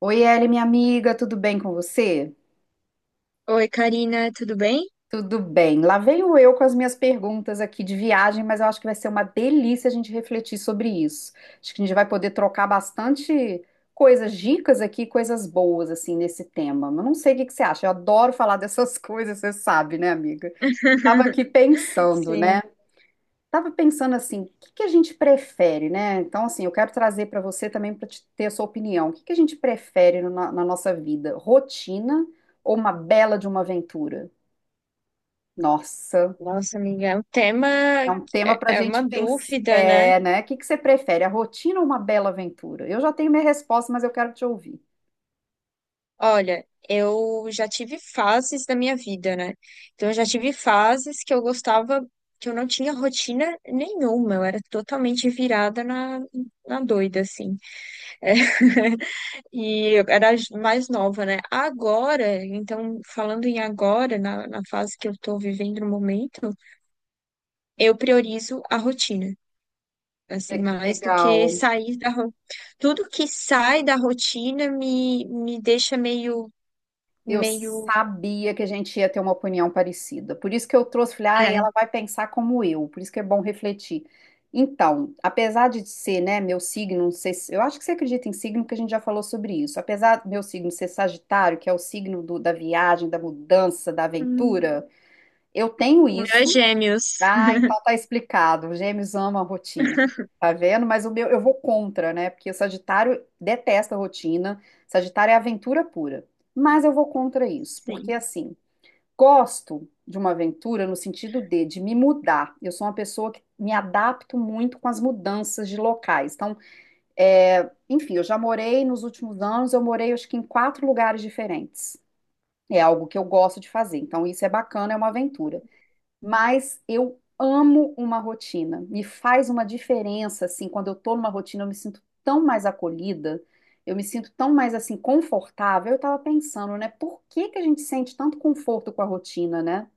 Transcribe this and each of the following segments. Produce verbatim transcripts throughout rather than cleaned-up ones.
Oi, Eli, minha amiga, tudo bem com você? Oi, Karina, tudo bem? Tudo bem. Lá venho eu com as minhas perguntas aqui de viagem, mas eu acho que vai ser uma delícia a gente refletir sobre isso. Acho que a gente vai poder trocar bastante coisas, dicas aqui, coisas boas assim nesse tema. Mas não sei o que que você acha. Eu adoro falar dessas coisas, você sabe, né, amiga? Tava aqui pensando, Sim. né? Estava pensando assim, o que que a gente prefere, né? Então, assim, eu quero trazer para você também para ter a sua opinião. O que que a gente prefere no- na, na nossa vida? Rotina ou uma bela de uma aventura? Nossa, Nossa, amiga, o tema é um tema é para a é uma gente pensar, dúvida, né? é, né? O que que você prefere, a rotina ou uma bela aventura? Eu já tenho minha resposta, mas eu quero te ouvir. Olha, eu já tive fases da minha vida, né? Então, eu já tive fases que eu gostava, que eu não tinha rotina nenhuma, eu era totalmente virada na, na doida, assim. É. E eu era mais nova, né? Agora, então, falando em agora, na, na fase que eu tô vivendo no momento, eu priorizo a rotina. É Assim, que mais do que legal. sair da ro... Tudo que sai da rotina me, me deixa meio, Eu meio, sabia que a gente ia ter uma opinião parecida. Por isso que eu trouxe, falei, ah, É. ela vai pensar como eu, por isso que é bom refletir. Então, apesar de ser, né, meu signo, não sei se- eu acho que você acredita em signo, porque a gente já falou sobre isso. Apesar do meu signo ser Sagitário, que é o signo do- da viagem, da mudança, da Hum. aventura, eu tenho O meu é isso, gêmeos. ah, então tá explicado. Gêmeos amam a rotina. Tá vendo? Mas o meu, eu vou contra, né? Porque o Sagitário detesta a rotina. Sagitário é aventura pura. Mas eu vou contra isso, porque Sim. assim, gosto de uma aventura no sentido de, de me mudar. Eu sou uma pessoa que me adapto muito com as mudanças de locais. Então, é, enfim, eu já morei nos últimos anos, eu morei acho que em quatro lugares diferentes. É algo que eu gosto de fazer. Então, isso é bacana, é uma aventura, mas eu amo uma rotina. Me faz uma diferença, assim, quando eu tô numa rotina, eu me sinto tão mais acolhida, eu me sinto tão mais, assim, confortável. Eu tava pensando, né, por que que a gente sente tanto conforto com a rotina, né?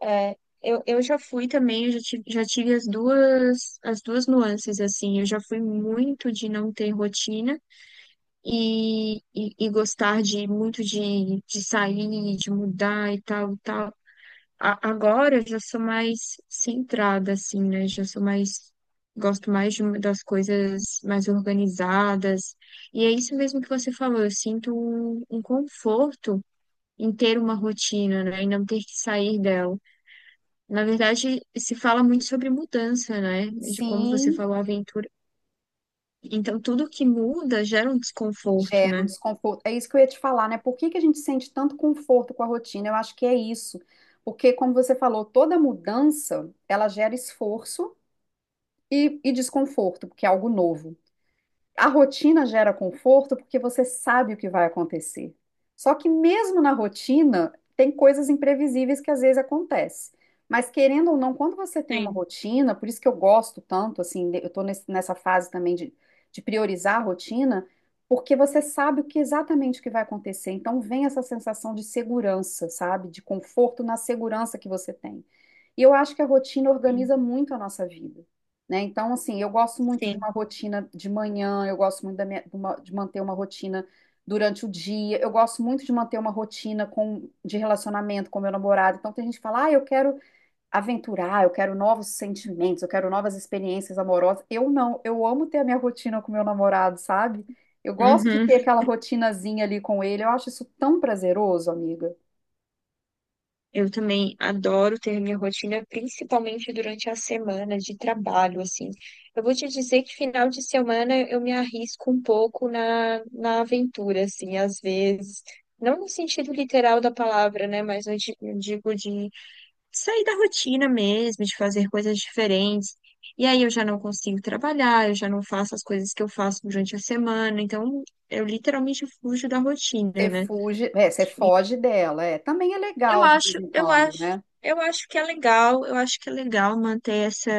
É, eu, eu já fui também, eu já tive, já tive as duas, as duas nuances, assim, eu já fui muito de não ter rotina e, e, e gostar de muito de, de sair, de mudar e tal, tal. A- agora eu já sou mais centrada, assim, né? Já sou mais. Gosto mais de uma- das coisas mais organizadas. E é isso mesmo que você falou. Eu sinto um, um conforto em ter uma rotina, né? E não ter que sair dela. Na verdade, se fala muito sobre mudança, né? De como você Sim, falou, aventura. Então, tudo que muda gera um desconforto, gera um né? desconforto. É isso que eu ia te falar, né? Por que que a gente sente tanto conforto com a rotina? Eu acho que é isso. Porque, como você falou, toda mudança, ela gera esforço e, e desconforto, porque é algo novo. A rotina gera conforto porque você sabe o que vai acontecer. Só que mesmo na rotina, tem coisas imprevisíveis que às vezes acontecem. Mas querendo ou não, quando você tem uma Sim, rotina, por isso que eu gosto tanto, assim, de- eu estou nessa fase também de, de priorizar a rotina, porque você sabe o que exatamente o que vai acontecer. Então vem essa sensação de segurança, sabe? De conforto na segurança que você tem. E eu acho que a rotina sim, organiza muito a nossa vida, né? Então, assim, eu gosto muito de sim. uma rotina de manhã, eu gosto muito da minha- de, uma- de manter uma rotina durante o dia, eu gosto muito de manter uma rotina com, de relacionamento com meu namorado. Então, tem gente que fala, ah, eu quero aventurar, eu quero novos sentimentos, eu quero novas experiências amorosas. Eu não, eu amo ter a minha rotina com meu namorado, sabe? Eu gosto de Uhum. ter aquela rotinazinha ali com ele, eu acho isso tão prazeroso, amiga. Eu também adoro ter minha rotina, principalmente durante a semana de trabalho, assim. Eu vou te dizer que final de semana eu me arrisco um pouco na, na aventura, assim, às vezes. Não no sentido literal da palavra, né? Mas eu di- eu digo de sair da rotina mesmo, de fazer coisas diferentes. E aí eu já não consigo trabalhar, eu já não faço as coisas que eu faço durante a semana. Então, eu literalmente fujo da rotina, Você né? fuge, é, você foge dela. É. Também é Eu legal de vez acho, em eu quando, acho, né? eu acho que é legal, eu acho que é legal manter essa,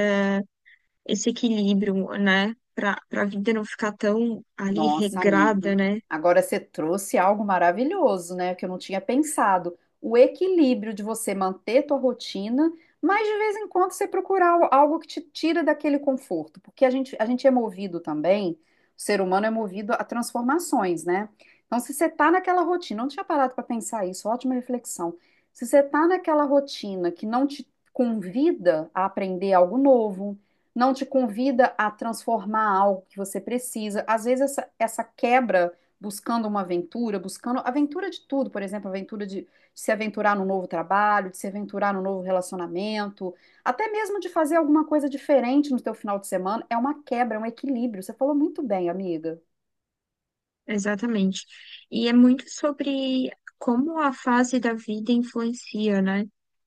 esse equilíbrio, né? Para para a vida não ficar tão ali Nossa, amigo. regrada, né? Agora você trouxe algo maravilhoso, né? Que eu não tinha pensado. O equilíbrio de você manter tua rotina, mas de vez em quando você procurar al- algo que te tira daquele conforto. Porque a gente, a gente é movido também, o ser humano é movido a transformações, né? Então, se você tá naquela rotina, não tinha parado para pensar isso, ótima reflexão. Se você tá naquela rotina que não te convida a aprender algo novo, não te convida a transformar algo que você precisa. Às vezes, essa, essa quebra, buscando uma aventura, buscando aventura de tudo, por exemplo, aventura de, de se aventurar num novo trabalho, de se aventurar num novo relacionamento, até mesmo de fazer alguma coisa diferente no teu final de semana, é uma quebra, é um equilíbrio. Você falou muito bem, amiga. Exatamente. E é muito sobre como a fase da vida influencia, né?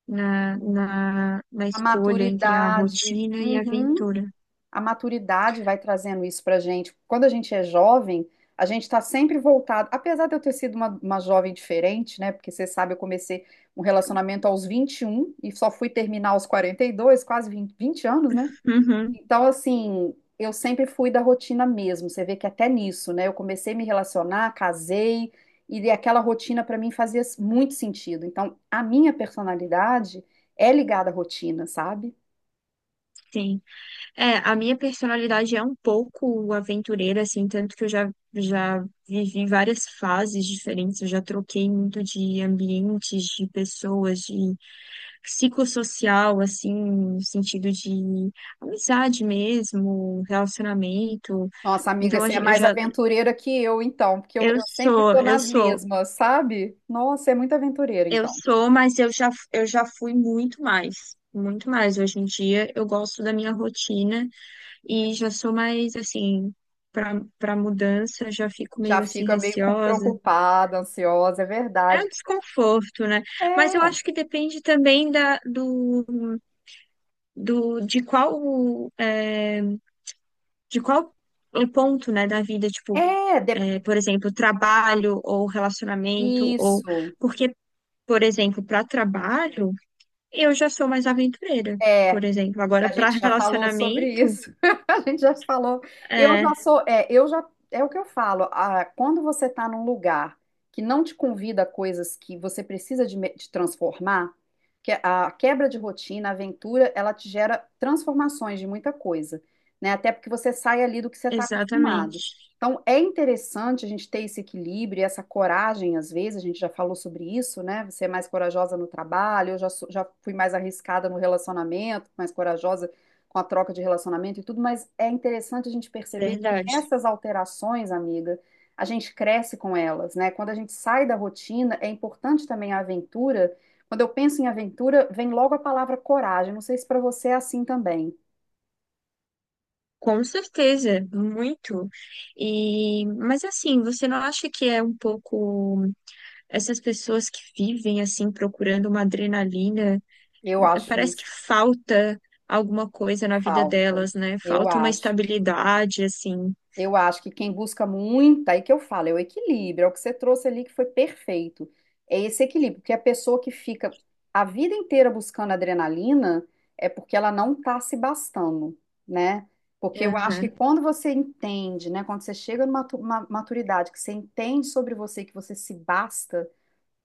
Na, na, na A escolha entre a maturidade. rotina e a Uhum. aventura. A maturidade vai trazendo isso para gente. Quando a gente é jovem, a gente está sempre voltado. Apesar de eu ter sido uma, uma jovem diferente, né? Porque você sabe, eu comecei um relacionamento aos vinte e um e só fui terminar aos quarenta e dois, quase vinte 20 anos, né? Uhum, Então, assim, eu sempre fui da rotina mesmo. Você vê que até nisso, né? Eu comecei a me relacionar, casei, e de- aquela rotina para mim fazia muito sentido. Então, a minha personalidade é ligada à rotina, sabe? sim. É, a minha personalidade é um pouco aventureira, assim, tanto que eu já, já vivi várias fases diferentes, eu já troquei muito de ambientes, de pessoas, de psicossocial, assim, no sentido de amizade mesmo, relacionamento. Nossa, amiga, Então, a você é gen- eu mais já, aventureira que eu, então, porque eu, eu eu sempre sou, estou eu nas sou, mesmas, sabe? Nossa, é muito aventureira, eu então. sou, mas eu já, eu já fui muito mais, muito mais. Hoje em dia, eu gosto da minha rotina. E já sou mais assim, pra, pra mudança, já fico meio Já assim fica meio com receosa. preocupada, ansiosa, é É verdade. um desconforto, né? Mas eu É, acho que depende também da, do, do, de qual, é, de qual ponto, né, da vida, tipo, é, de- é, por exemplo, trabalho ou relacionamento, ou isso. porque, por exemplo, para trabalho, eu já sou mais aventureira, É. por exemplo. Agora, A para gente já falou sobre relacionamento, isso. A gente já falou. Eu é, já sou, é, eu já, é o que eu falo. Ah, quando você está num lugar que não te convida a coisas que você precisa de, me- de transformar, que a quebra de rotina, a aventura, ela te gera transformações de muita coisa, né? Até porque você sai ali do que você está acostumado. exatamente. Então, é interessante a gente ter esse equilíbrio, e essa coragem, às vezes, a gente já falou sobre isso, né? Você é mais corajosa no trabalho, eu já, sou- já fui mais arriscada no relacionamento, mais corajosa com a troca de relacionamento e tudo, mas é interessante a gente perceber que Verdade. essas alterações, amiga, a gente cresce com elas, né? Quando a gente sai da rotina, é importante também a aventura. Quando eu penso em aventura, vem logo a palavra coragem. Não sei se para você é assim também. Com certeza, muito. E, mas assim, você não acha que é um pouco essas pessoas que vivem assim procurando uma adrenalina, Eu eh, acho parece que isso falta alguma coisa na vida falta. delas, né? Eu Falta uma acho. estabilidade assim. Eu acho que quem busca muito, aí que eu falo, é o equilíbrio, é o que você trouxe ali que foi perfeito. É esse equilíbrio, porque a pessoa que fica a vida inteira buscando adrenalina é porque ela não está se bastando, né? Porque eu É. acho que quando você entende, né, quando você chega numa tu- uma maturidade que você entende sobre você, que você se basta,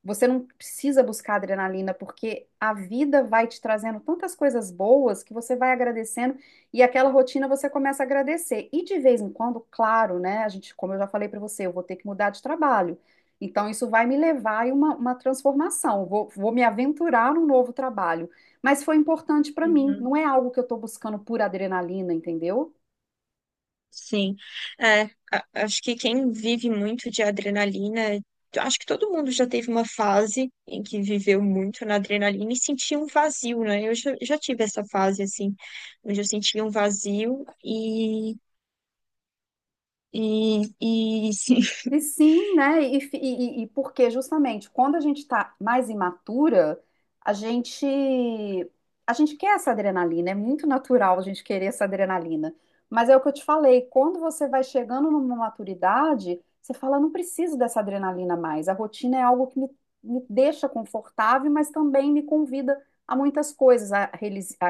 você não precisa buscar adrenalina, porque a vida vai te trazendo tantas coisas boas que você vai agradecendo e aquela rotina você começa a agradecer. E de vez em quando, claro, né? A gente, como eu já falei para você, eu vou ter que mudar de trabalho. Então, isso vai me levar a uma, uma transformação. Vou, vou me aventurar num novo trabalho. Mas foi importante para mim, Uhum. não é algo que eu estou buscando por adrenalina, entendeu? Sim, é, a- acho que quem vive muito de adrenalina, eu acho que todo mundo já teve uma fase em que viveu muito na adrenalina e sentia um vazio, né? Eu já, já tive essa fase, assim, onde eu sentia um vazio. E, e, e, sim, E sim, né? E, fi- e, e- e porque justamente quando a gente está mais imatura, a gente a gente quer essa adrenalina, é muito natural a gente querer essa adrenalina. Mas é o que eu te falei, quando você vai chegando numa maturidade, você fala, não preciso dessa adrenalina mais. A rotina é algo que me, me deixa confortável, mas também me convida a muitas coisas, a, relis- a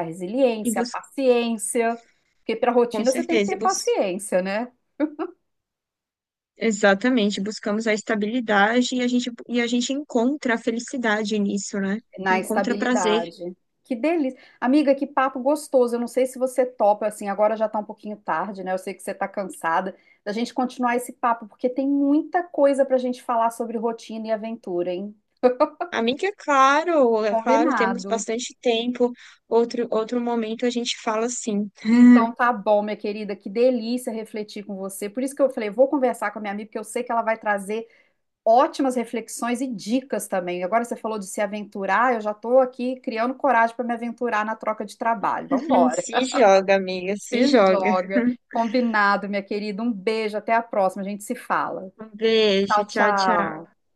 e resiliência, a bus- paciência, porque para com rotina você tem que certeza, e ter bus- paciência, né? exatamente, buscamos a estabilidade e a gente, e a gente encontra a felicidade nisso, né? Na Encontra prazer. estabilidade. Que delícia. Amiga, que papo gostoso. Eu não sei se você topa, assim, agora já tá um pouquinho tarde, né? Eu sei que você tá cansada da gente continuar esse papo, porque tem muita coisa pra gente falar sobre rotina e aventura, hein? Amiga, claro, é claro, temos Combinado. bastante tempo. Outro, outro momento a gente fala assim. Então tá bom, minha querida, que delícia refletir com você. Por isso que eu falei, vou conversar com a minha amiga, porque eu sei que ela vai trazer ótimas reflexões e dicas também. Agora você falou de se aventurar, eu já tô aqui criando coragem para me aventurar na troca de trabalho. Vamos. Se joga, amiga, se Se joga. joga. Combinado, minha querida. Um beijo, até a próxima. A gente se fala. Um beijo, Tchau, tchau, tchau. tchau.